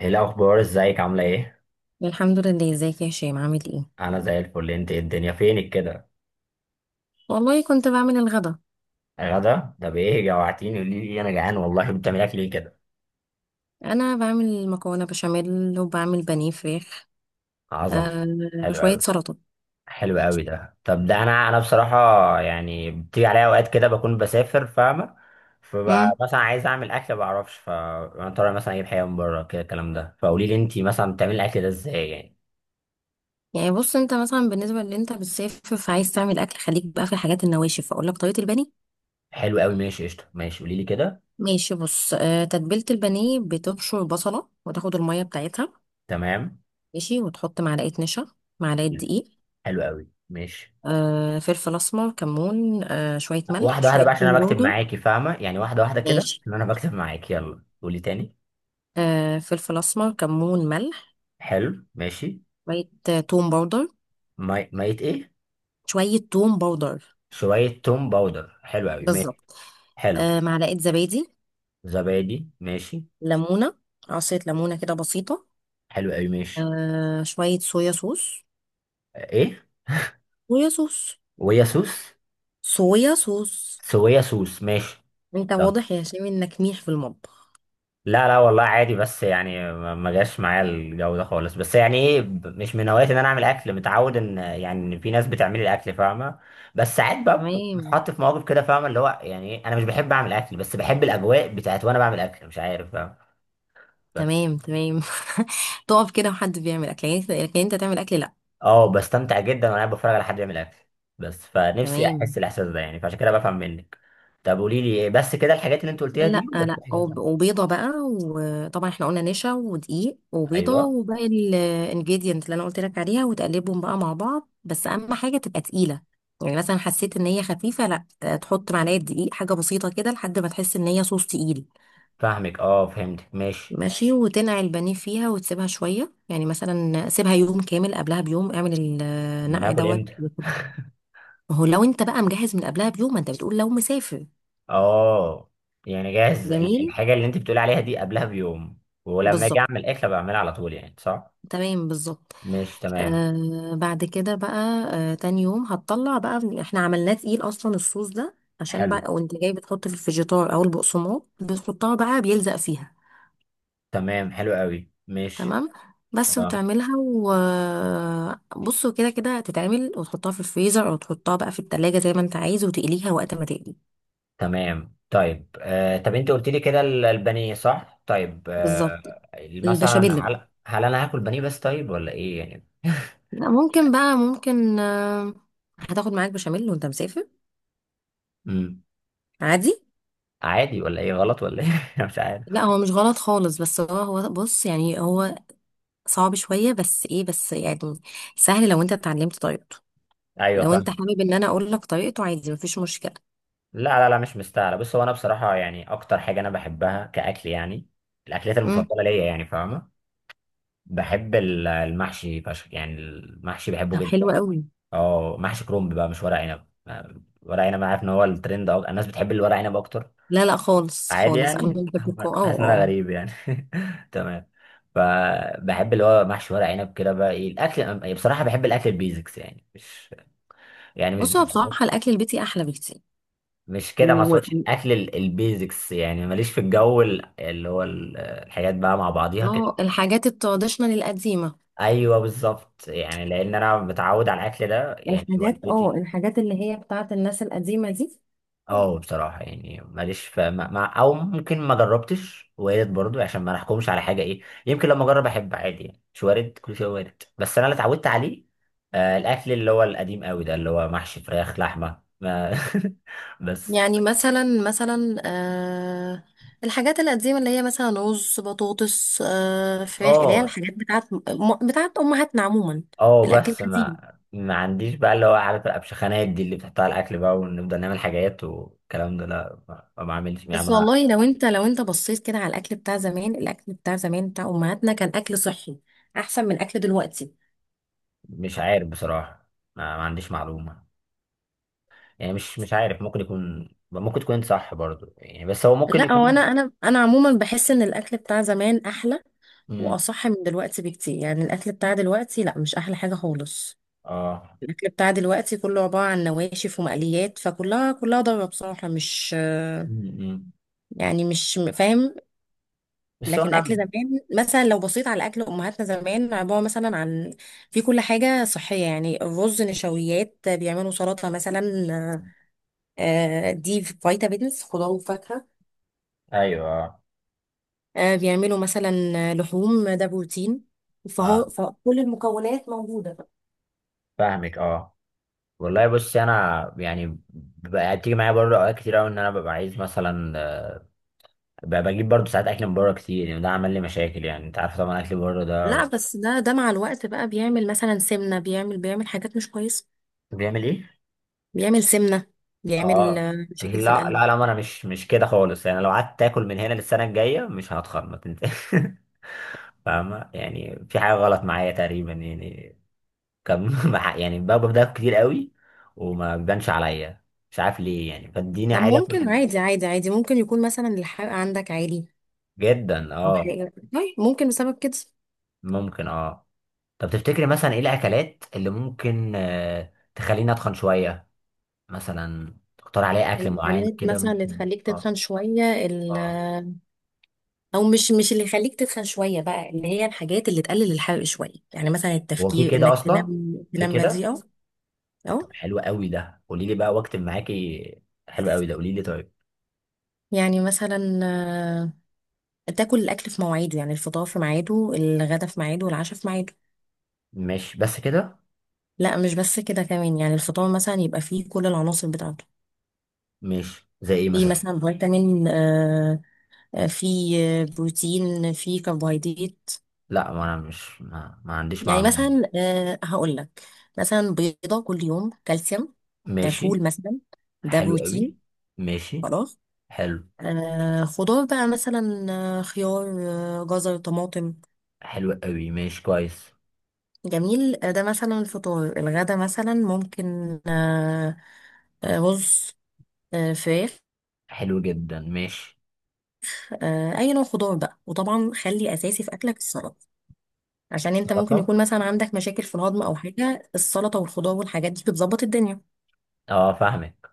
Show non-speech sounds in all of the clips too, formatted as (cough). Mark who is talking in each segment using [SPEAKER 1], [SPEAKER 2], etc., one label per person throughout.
[SPEAKER 1] ايه الاخبار؟ ازيك؟ عامله ايه؟
[SPEAKER 2] الحمد لله، ازيك يا هشام؟ عامل ايه؟
[SPEAKER 1] انا زي الفل. انت إيه؟ الدنيا فينك كده؟
[SPEAKER 2] والله كنت بعمل الغدا.
[SPEAKER 1] غدا ده بايه؟ جوعتيني، قولي لي، انا جعان والله. بتعمل اكل ايه كده؟
[SPEAKER 2] انا بعمل مكرونه بشاميل وبعمل بانيه فراخ.
[SPEAKER 1] عظم.
[SPEAKER 2] آه،
[SPEAKER 1] حلو
[SPEAKER 2] وشويه
[SPEAKER 1] قوي.
[SPEAKER 2] سلطه.
[SPEAKER 1] حلو قوي ده. طب ده انا بصراحه. يعني بتيجي عليا اوقات كده بكون بسافر، فاهمه؟
[SPEAKER 2] امم
[SPEAKER 1] فبقى مثلا عايز اعمل اكل ما بعرفش، فانا طالع مثلا اجيب حاجه من بره كده الكلام ده. فقولي لي انت مثلا بتعملي الاكل ده ازاي يعني.
[SPEAKER 2] يعني بص، انت مثلا بالنسبه اللي انت بتسافر فعايز تعمل اكل، خليك بقى في الحاجات النواشف. اقول لك طريقه البانيه.
[SPEAKER 1] حلو قوي، ماشي قشطه، ماشي، قولي لي كده.
[SPEAKER 2] ماشي، بص. تتبيله البانيه: بتبشر بصله وتاخد الميه بتاعتها.
[SPEAKER 1] تمام.
[SPEAKER 2] ماشي، وتحط معلقه نشا، معلقه دقيق.
[SPEAKER 1] حلو قوي، ماشي.
[SPEAKER 2] فلفل اسمر، كمون، شويه ملح،
[SPEAKER 1] واحدة واحدة
[SPEAKER 2] شويه
[SPEAKER 1] بقى، عشان
[SPEAKER 2] توم
[SPEAKER 1] أنا بكتب
[SPEAKER 2] باودر.
[SPEAKER 1] معاكي، فاهمة؟ يعني واحدة واحدة كده،
[SPEAKER 2] ماشي.
[SPEAKER 1] إن أنا بكتب معاكي، يلا قولي تاني.
[SPEAKER 2] فلفل اسمر، كمون، ملح،
[SPEAKER 1] حلو، ماشي.
[SPEAKER 2] شوية توم باودر.
[SPEAKER 1] مية إيه؟
[SPEAKER 2] شوية توم باودر.
[SPEAKER 1] شوية توم باودر، حلو أوي، ماشي.
[SPEAKER 2] بالظبط.
[SPEAKER 1] حلو.
[SPEAKER 2] معلقة زبادي.
[SPEAKER 1] زبادي، ماشي.
[SPEAKER 2] ليمونة، عصير ليمونة كده بسيطة.
[SPEAKER 1] حلو أوي، ماشي.
[SPEAKER 2] شوية صويا صوص.
[SPEAKER 1] آه، إيه؟
[SPEAKER 2] صويا صوص.
[SPEAKER 1] ويا سوس؟
[SPEAKER 2] صويا صوص.
[SPEAKER 1] سويا سوس، ماشي.
[SPEAKER 2] انت واضح يا هشام انك ميح في المطبخ.
[SPEAKER 1] لا لا، والله عادي، بس يعني ما جاش معايا الجو ده خالص. بس يعني ايه، مش من هواياتي ان انا اعمل اكل. متعود ان يعني ان في ناس بتعمل لي الاكل، فاهمه؟ بس ساعات بقى
[SPEAKER 2] تمام
[SPEAKER 1] بتحط في مواقف كده، فاهمه؟ اللي هو يعني إيه، انا مش بحب اعمل اكل بس بحب الاجواء بتاعت وانا بعمل اكل، مش عارف، فاهم؟ بس.
[SPEAKER 2] تمام. (laughs) تقف كده وحد بيعمل اكل يعني، انت لكن انت تعمل اكل لا.
[SPEAKER 1] اه، بستمتع جدا وانا قاعد بتفرج على حد يعمل اكل. بس فنفسي
[SPEAKER 2] تمام.
[SPEAKER 1] احس الاحساس ده يعني، فعشان كده بفهم منك. طب قولي لي، إيه بس كده الحاجات اللي انت قلتيها دي؟
[SPEAKER 2] لا
[SPEAKER 1] ولا في
[SPEAKER 2] لا،
[SPEAKER 1] حاجات؟
[SPEAKER 2] وبيضة بقى. وطبعا احنا قلنا نشا ودقيق وبيضة
[SPEAKER 1] ايوه.
[SPEAKER 2] وباقي الانجريدينت اللي انا قلت لك عليها، وتقلبهم بقى مع بعض، بس اهم حاجة تبقى تقيلة. يعني مثلا حسيت ان هي خفيفة، لا تحط معلقة دقيق، حاجة بسيطة كده لحد ما تحس ان هي صوص تقيل.
[SPEAKER 1] فاهمك، اه، فهمتك، ماشي.
[SPEAKER 2] ماشي، وتنقع البانيه فيها وتسيبها شوية. يعني مثلا سيبها يوم كامل، قبلها بيوم اعمل
[SPEAKER 1] ما انا
[SPEAKER 2] النقع
[SPEAKER 1] هاكل
[SPEAKER 2] دوت.
[SPEAKER 1] امتى؟
[SPEAKER 2] ما هو لو انت بقى مجهز من قبلها بيوم، ما انت بتقول لو مسافر.
[SPEAKER 1] اه. يعني جاهز
[SPEAKER 2] جميل.
[SPEAKER 1] الحاجة اللي انت بتقولي عليها دي قبلها بيوم. ولما اجي
[SPEAKER 2] بالظبط.
[SPEAKER 1] اعمل اكله بعملها على طول يعني، صح؟
[SPEAKER 2] تمام، بالظبط.
[SPEAKER 1] مش تمام؟
[SPEAKER 2] بعد كده بقى، تاني يوم هتطلع بقى، احنا عملناه تقيل اصلا الصوص ده. عشان
[SPEAKER 1] حلو.
[SPEAKER 2] بقى وانت جاي بتحط في الفيجيتار او البقسماط، بتحطها بقى بيلزق فيها.
[SPEAKER 1] تمام، حلو قوي، مش.
[SPEAKER 2] تمام. بس
[SPEAKER 1] اه.
[SPEAKER 2] وتعملها، وبصوا كده كده هتتعمل، وتحطها في الفريزر او تحطها بقى في التلاجة زي ما انت عايز، وتقليها وقت ما تقلي.
[SPEAKER 1] تمام، طيب. طب انت قلت لي كده البانيه، صح؟ طيب آه.
[SPEAKER 2] بالظبط.
[SPEAKER 1] مثلا،
[SPEAKER 2] البشاميل بقى.
[SPEAKER 1] هل انا هاكل بانيه بس، طيب؟ ولا ايه يعني؟
[SPEAKER 2] لا ممكن بقى، ممكن هتاخد معاك بشاميل وانت مسافر.
[SPEAKER 1] امم.
[SPEAKER 2] عادي.
[SPEAKER 1] عادي ولا ايه؟ غلط ولا ايه؟ (laughs) مش عارف.
[SPEAKER 2] لا هو مش غلط خالص، بس هو بص، يعني هو صعب شوية، بس ايه، بس يعني سهل لو انت اتعلمت طريقته.
[SPEAKER 1] ايوه،
[SPEAKER 2] لو انت
[SPEAKER 1] فاهم.
[SPEAKER 2] حابب ان انا اقول لك طريقته، عادي، مفيش مشكلة.
[SPEAKER 1] لا لا لا، مش مستاهله، بص هو انا بصراحه يعني اكتر حاجه انا بحبها كاكل يعني. الاكلات
[SPEAKER 2] امم
[SPEAKER 1] المفضله ليا يعني، فاهمه؟ بحب المحشي فشخ يعني، المحشي بحبه
[SPEAKER 2] طب
[SPEAKER 1] جدا.
[SPEAKER 2] حلو قوي.
[SPEAKER 1] اه، محشي كرنب بقى، مش ورق عنب. ورق عنب عارف ان هو الترند، الناس بتحب الورق عنب اكتر.
[SPEAKER 2] لا لا، خالص
[SPEAKER 1] عادي
[SPEAKER 2] خالص، انا
[SPEAKER 1] يعني، (laughs)
[SPEAKER 2] بحب الكو.
[SPEAKER 1] كنت حاسس
[SPEAKER 2] اه
[SPEAKER 1] ان انا
[SPEAKER 2] اه.
[SPEAKER 1] غريب يعني. (laughs) تمام. فبحب اللي هو محشي ورق عنب كده بقى. ايه الاكل يعني؟ بصراحه بحب الاكل البيزكس يعني، مش. يعني مش.
[SPEAKER 2] بص، هو
[SPEAKER 1] (laughs)
[SPEAKER 2] بصراحة الاكل البيتي احلى بكتير.
[SPEAKER 1] مش كده، ما
[SPEAKER 2] و و-
[SPEAKER 1] اقصدش الاكل البيزكس، يعني ماليش في الجو اللي هو الحاجات بقى مع بعضيها كده.
[SPEAKER 2] اه، الحاجات التراديشنال القديمة.
[SPEAKER 1] ايوه بالظبط، يعني لان انا متعود على الاكل ده، يعني
[SPEAKER 2] الحاجات، اه،
[SPEAKER 1] والدتي.
[SPEAKER 2] الحاجات اللي هي بتاعت الناس القديمة دي.
[SPEAKER 1] اه، بصراحه يعني ماليش ف... ما... ما... او ممكن ما جربتش، وارد برضو، عشان ما نحكمش على حاجه. ايه يمكن لما اجرب احب عادي يعني، مش وارد، كل شيء وارد، بس انا اللي اتعودت عليه. الاكل اللي هو القديم قوي ده اللي هو محشي فراخ لحمه ما... (laughs) بس.
[SPEAKER 2] يعني مثلا آه، الحاجات القديمة اللي هي مثلا رز، بطاطس، آه، فراخ، اللي هي
[SPEAKER 1] اه
[SPEAKER 2] الحاجات بتاعت بتاعت أمهاتنا عموما.
[SPEAKER 1] اه،
[SPEAKER 2] الأكل
[SPEAKER 1] بس ما
[SPEAKER 2] القديم.
[SPEAKER 1] ما عنديش بقى اللي هو عارف الابشخانات دي اللي بتحطها على الاكل بقى ونفضل نعمل حاجات والكلام ده، لا ما بعملش يعني.
[SPEAKER 2] بس والله لو انت، بصيت كده على الأكل بتاع زمان، الأكل بتاع زمان بتاع أمهاتنا كان أكل صحي أحسن من أكل دلوقتي.
[SPEAKER 1] مش عارف بصراحة. ما عنديش معلومة. يعني مش عارف، ممكن يكون، ممكن تكون انت صح برضو يعني، بس هو ممكن
[SPEAKER 2] لا، هو أنا
[SPEAKER 1] يكون.
[SPEAKER 2] أنا أنا عموما بحس إن الأكل بتاع زمان أحلى
[SPEAKER 1] امم.
[SPEAKER 2] وأصح من دلوقتي بكتير. يعني الأكل بتاع دلوقتي لا، مش أحلى حاجة خالص.
[SPEAKER 1] اه.
[SPEAKER 2] الاكل بتاع دلوقتي كله عباره عن نواشف ومقليات، فكلها ضاره بصراحه، مش
[SPEAKER 1] امم.
[SPEAKER 2] يعني مش فاهم.
[SPEAKER 1] بس هو
[SPEAKER 2] لكن
[SPEAKER 1] انا.
[SPEAKER 2] اكل زمان، مثلا لو بصيت على اكل امهاتنا زمان، عباره مثلا عن، في كل حاجه صحيه. يعني الرز نشويات، بيعملوا سلطه مثلا، آه، دي فيتامينز، خضار وفاكهه.
[SPEAKER 1] ايوه، اه
[SPEAKER 2] آه، بيعملوا مثلا لحوم، ده بروتين. فهو
[SPEAKER 1] اه،
[SPEAKER 2] فكل المكونات موجوده.
[SPEAKER 1] فاهمك، اه. والله بص، انا يعني. بقى تيجي معايا برضه اوقات كتير قوي ان انا ببقى عايز مثلا. ببقى بجيب برضه ساعات اكل من بره كتير يعني، ده عمل لي مشاكل يعني، انت عارف طبعا اكل بره ده.
[SPEAKER 2] لا، بس ده مع الوقت بقى بيعمل مثلا سمنه، بيعمل حاجات مش كويسه.
[SPEAKER 1] بيعمل ايه؟
[SPEAKER 2] بيعمل سمنة، بيعمل
[SPEAKER 1] اه.
[SPEAKER 2] آه، مشاكل في
[SPEAKER 1] لا
[SPEAKER 2] القلب.
[SPEAKER 1] لا لا، ما انا مش كده خالص يعني، لو قعدت تاكل من هنا للسنه الجايه مش هتخرب ما (laughs) فاهمة؟ يعني في حاجة غلط معايا تقريبا يعني. كان. (laughs) يعني باكل ده كتير قوي. وما بيبانش عليا. مش عارف ليه يعني، فاديني
[SPEAKER 2] طب
[SPEAKER 1] عادي
[SPEAKER 2] ممكن،
[SPEAKER 1] اكل.
[SPEAKER 2] عادي، ممكن يكون مثلا الحرق عندك عادي
[SPEAKER 1] جدا،
[SPEAKER 2] أو
[SPEAKER 1] اه.
[SPEAKER 2] حاجة. طيب ممكن بسبب كده.
[SPEAKER 1] ممكن، اه. طب تفتكري مثلا ايه الاكلات اللي ممكن تخليني اتخن شوية؟ مثلا تختار عليا اكل معين
[SPEAKER 2] الأكلات
[SPEAKER 1] كده،
[SPEAKER 2] مثلا اللي
[SPEAKER 1] ممكن؟
[SPEAKER 2] تخليك
[SPEAKER 1] اه.
[SPEAKER 2] تتخن شوية،
[SPEAKER 1] اه،
[SPEAKER 2] أو مش، اللي يخليك تتخن شوية بقى، اللي هي الحاجات اللي تقلل الحرق شوية. يعني مثلا
[SPEAKER 1] هو في
[SPEAKER 2] التفكير
[SPEAKER 1] كده
[SPEAKER 2] إنك
[SPEAKER 1] اصلا؟
[SPEAKER 2] تنام،
[SPEAKER 1] في
[SPEAKER 2] بدري
[SPEAKER 1] كده؟
[SPEAKER 2] أو،
[SPEAKER 1] طب
[SPEAKER 2] أو
[SPEAKER 1] حلو قوي ده، قولي لي بقى واكتب معاكي. حلو قوي ده، قولي لي طيب.
[SPEAKER 2] يعني مثلا آه، تاكل الأكل في مواعيده. يعني الفطار في ميعاده، الغدا في ميعاده، والعشاء في ميعاده.
[SPEAKER 1] ماشي، بس كده؟
[SPEAKER 2] لا مش بس كده، كمان يعني الفطار مثلا يبقى فيه كل العناصر بتاعته.
[SPEAKER 1] ماشي، زي ايه
[SPEAKER 2] في
[SPEAKER 1] مثلا؟
[SPEAKER 2] مثلا فيتامين آه، آه، في آه، بروتين، في كربوهيدرات.
[SPEAKER 1] لا، ما انا مش، ما عنديش
[SPEAKER 2] يعني
[SPEAKER 1] معلومة.
[SPEAKER 2] مثلا آه، هقول لك، مثلا بيضة كل يوم، كالسيوم. آه،
[SPEAKER 1] ماشي.
[SPEAKER 2] فول مثلا، ده
[SPEAKER 1] حلو
[SPEAKER 2] بروتين.
[SPEAKER 1] قوي. ماشي.
[SPEAKER 2] خلاص.
[SPEAKER 1] حلو.
[SPEAKER 2] آه، خضار بقى مثلا، آه، خيار، آه، جزر، طماطم.
[SPEAKER 1] حلو قوي، ماشي، كويس.
[SPEAKER 2] جميل. آه، ده مثلا الفطار. الغدا مثلا ممكن آه، رز، آه، فراخ،
[SPEAKER 1] حلو جدا، ماشي.
[SPEAKER 2] آه، اي نوع خضار بقى. وطبعا خلي اساسي في اكلك السلطه، عشان انت ممكن
[SPEAKER 1] سلطة.
[SPEAKER 2] يكون مثلا عندك مشاكل في الهضم او حاجه. السلطه والخضار والحاجات دي بتظبط الدنيا.
[SPEAKER 1] اه، فاهمك.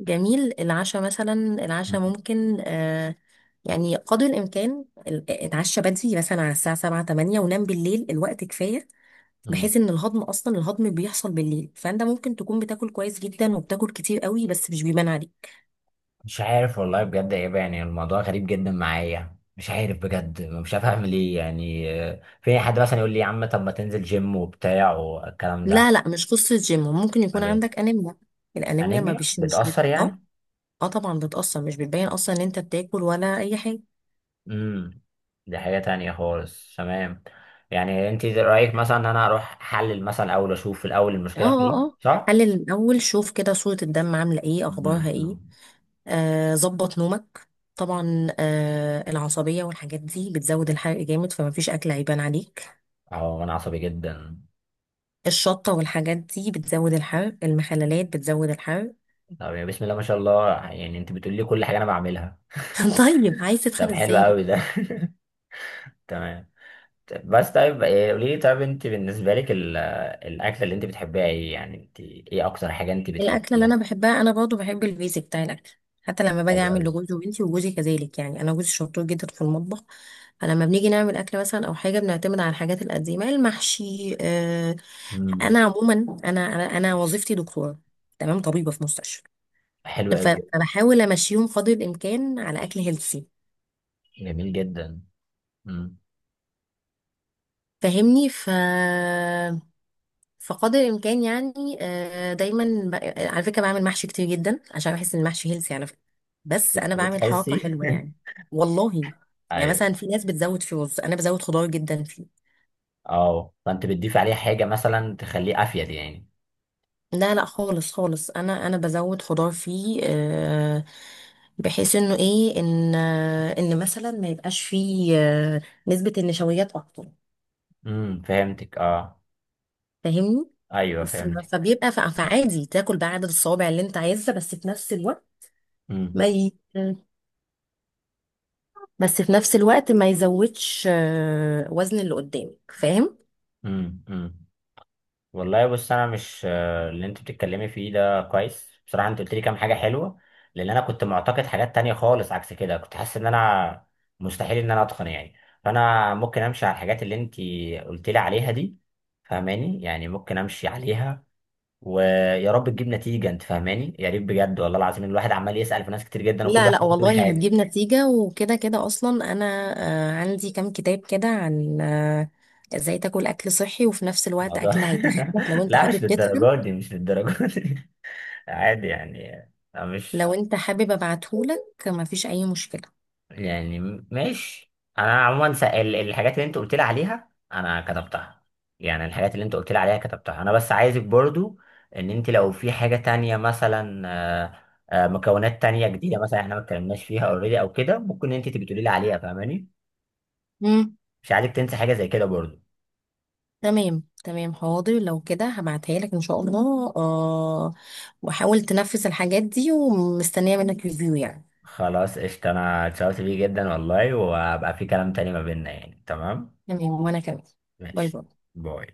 [SPEAKER 2] جميل. العشاء مثلا، العشاء
[SPEAKER 1] مم.
[SPEAKER 2] ممكن آه، يعني قدر الامكان اتعشى بدري مثلا على الساعه 7، 8، ونام بالليل الوقت كفايه،
[SPEAKER 1] مم.
[SPEAKER 2] بحيث ان الهضم، اصلا الهضم بيحصل بالليل. فانت ممكن تكون بتاكل كويس جدا وبتاكل كتير قوي بس مش بيبان عليك.
[SPEAKER 1] مش عارف والله بجد يا يابا. يعني الموضوع غريب جدا معايا، مش عارف بجد، مش عارف اعمل ايه يعني. في أي حد مثلا يقول لي يا عم طب ما تنزل جيم وبتاع والكلام
[SPEAKER 2] لا
[SPEAKER 1] ده؟
[SPEAKER 2] لا، مش قصه جيم، ممكن يكون
[SPEAKER 1] امال ايه؟
[SPEAKER 2] عندك انيميا. الانيميا ما
[SPEAKER 1] انيميا
[SPEAKER 2] بش مش بت...
[SPEAKER 1] بتأثر
[SPEAKER 2] اه،
[SPEAKER 1] يعني؟
[SPEAKER 2] اه طبعا بتأثر، مش بتبين اصلا ان انت بتاكل ولا اي حاجه.
[SPEAKER 1] امم. دي حاجة تانية خالص، تمام. يعني انت رأيك مثلا ان انا اروح احلل مثلا، اول اشوف في الاول
[SPEAKER 2] اه
[SPEAKER 1] المشكلة
[SPEAKER 2] اه
[SPEAKER 1] فين،
[SPEAKER 2] اه
[SPEAKER 1] صح؟
[SPEAKER 2] حلل الاول، شوف كده صورة الدم عاملة ايه، اخبارها ايه.
[SPEAKER 1] امم.
[SPEAKER 2] آه، ظبط نومك. طبعا آه، العصبية والحاجات دي بتزود الحرق جامد، فما فيش اكل عيبان عليك.
[SPEAKER 1] اه. انا عصبي جدا.
[SPEAKER 2] الشطة والحاجات دي بتزود الحرق، المخللات بتزود الحرق.
[SPEAKER 1] طب يا بسم الله ما شاء الله، يعني انت بتقولي لي كل حاجة انا بعملها!
[SPEAKER 2] (laughs) طيب عايز
[SPEAKER 1] طب
[SPEAKER 2] تتخن
[SPEAKER 1] حلو
[SPEAKER 2] ازاي؟
[SPEAKER 1] قوي ده. (laughs) تمام. طب بس، طيب إيه، قولي لي طيب، انت بالنسبة لك الاكلة اللي انت بتحبيها ايه يعني؟ انت ايه اكتر حاجة انت
[SPEAKER 2] الأكلة اللي
[SPEAKER 1] بتحبيها؟
[SPEAKER 2] أنا بحبها، أنا برضه بحب البيزك بتاع الأكل. حتى لما باجي
[SPEAKER 1] حلو
[SPEAKER 2] أعمل
[SPEAKER 1] قوي.
[SPEAKER 2] لجوزي وبنتي، وجوزي كذلك، يعني أنا جوزي شطور جدا في المطبخ. فلما بنيجي نعمل أكل مثلا أو حاجة، بنعتمد على الحاجات القديمة، المحشي، آه. أنا
[SPEAKER 1] امم.
[SPEAKER 2] عموما، أنا وظيفتي دكتورة. تمام، طبيبة في مستشفى.
[SPEAKER 1] حلو قوي.
[SPEAKER 2] فبحاول أمشيهم قدر الإمكان على أكل هيلثي.
[SPEAKER 1] جميل جدا. امم.
[SPEAKER 2] فاهمني. فقدر الامكان يعني آه، دايما على فكره بعمل محشي كتير جدا، عشان بحس ان المحشي هيلثي على فكره. بس انا بعمل حركه
[SPEAKER 1] بتحسي؟
[SPEAKER 2] حلوه يعني. والله.
[SPEAKER 1] (laughs)
[SPEAKER 2] يعني
[SPEAKER 1] ايوه.
[SPEAKER 2] مثلا في ناس بتزود في رز، انا بزود خضار جدا فيه.
[SPEAKER 1] اه، فانت بتضيف عليه حاجة مثلا تخليه افيد يعني؟
[SPEAKER 2] لا لا، خالص خالص، انا بزود خضار فيه آه، بحيث انه ايه، ان آه، ان مثلا ما يبقاش فيه آه، نسبه النشويات اكتر.
[SPEAKER 1] امم، فهمتك، اه.
[SPEAKER 2] فاهمني.
[SPEAKER 1] ايوه،
[SPEAKER 2] ف-
[SPEAKER 1] فهمتك.
[SPEAKER 2] فبيبقى فعادي تاكل بعدد الصوابع اللي انت عايزها، بس في نفس الوقت ما
[SPEAKER 1] امم
[SPEAKER 2] ي... بس في نفس الوقت ما يزودش آه، وزن اللي قدامك، فاهم.
[SPEAKER 1] امم. امم. والله بص، انا مش، اللي انت بتتكلمي فيه ده كويس بصراحة، انت قلت لي كام حاجة حلوة. لان انا كنت معتقد حاجات تانية خالص عكس كده، كنت حاسس ان انا مستحيل ان انا اتقن يعني. فانا ممكن امشي على الحاجات اللي انت قلت لي عليها دي. فاهماني؟ يعني ممكن امشي عليها. ويا رب تجيب نتيجة، انت فاهماني؟ يا ريت بجد، والله العظيم الواحد عمال يسأل في ناس كتير جدا وكل
[SPEAKER 2] لا
[SPEAKER 1] واحد
[SPEAKER 2] لا
[SPEAKER 1] بيقول
[SPEAKER 2] والله
[SPEAKER 1] حاجة.
[SPEAKER 2] هتجيب نتيجة. وكده كده أصلا أنا آه، عندي كام كتاب كده عن آه، ازاي تاكل أكل صحي وفي نفس الوقت
[SPEAKER 1] الموضوع. (laughs)
[SPEAKER 2] أكل هيتخنك، لو أنت
[SPEAKER 1] لا، مش
[SPEAKER 2] حابب تدخل
[SPEAKER 1] للدرجات دي، مش للدرجات دي. (laughs) عادي يعني. أنا مش.
[SPEAKER 2] لو أنت حابب أبعتهولك، مفيش أي مشكلة.
[SPEAKER 1] يعني. ماشي. انا عموما، الحاجات اللي انت قلت لي عليها انا كتبتها. يعني الحاجات اللي انت قلت لي عليها كتبتها انا، بس عايزك برضو ان انت لو في حاجة تانية مثلا، مكونات تانية جديدة مثلا احنا ما اتكلمناش فيها اوريدي او كده، ممكن انت تبقي تقولي لي عليها، فاهماني؟
[SPEAKER 2] مم.
[SPEAKER 1] مش عايزك تنسى حاجة زي كده برضو.
[SPEAKER 2] تمام تمام، حاضر، لو كده هبعتها لك إن شاء الله. آه، وحاول تنفذ الحاجات دي، ومستنية منك ريفيو يعني.
[SPEAKER 1] خلاص، قشطة، انا اتشرفت بيه جدا والله، وهبقى في كلام تاني ما بيننا يعني، تمام.
[SPEAKER 2] تمام، وأنا كمان. باي
[SPEAKER 1] ماشي.
[SPEAKER 2] باي.
[SPEAKER 1] باي.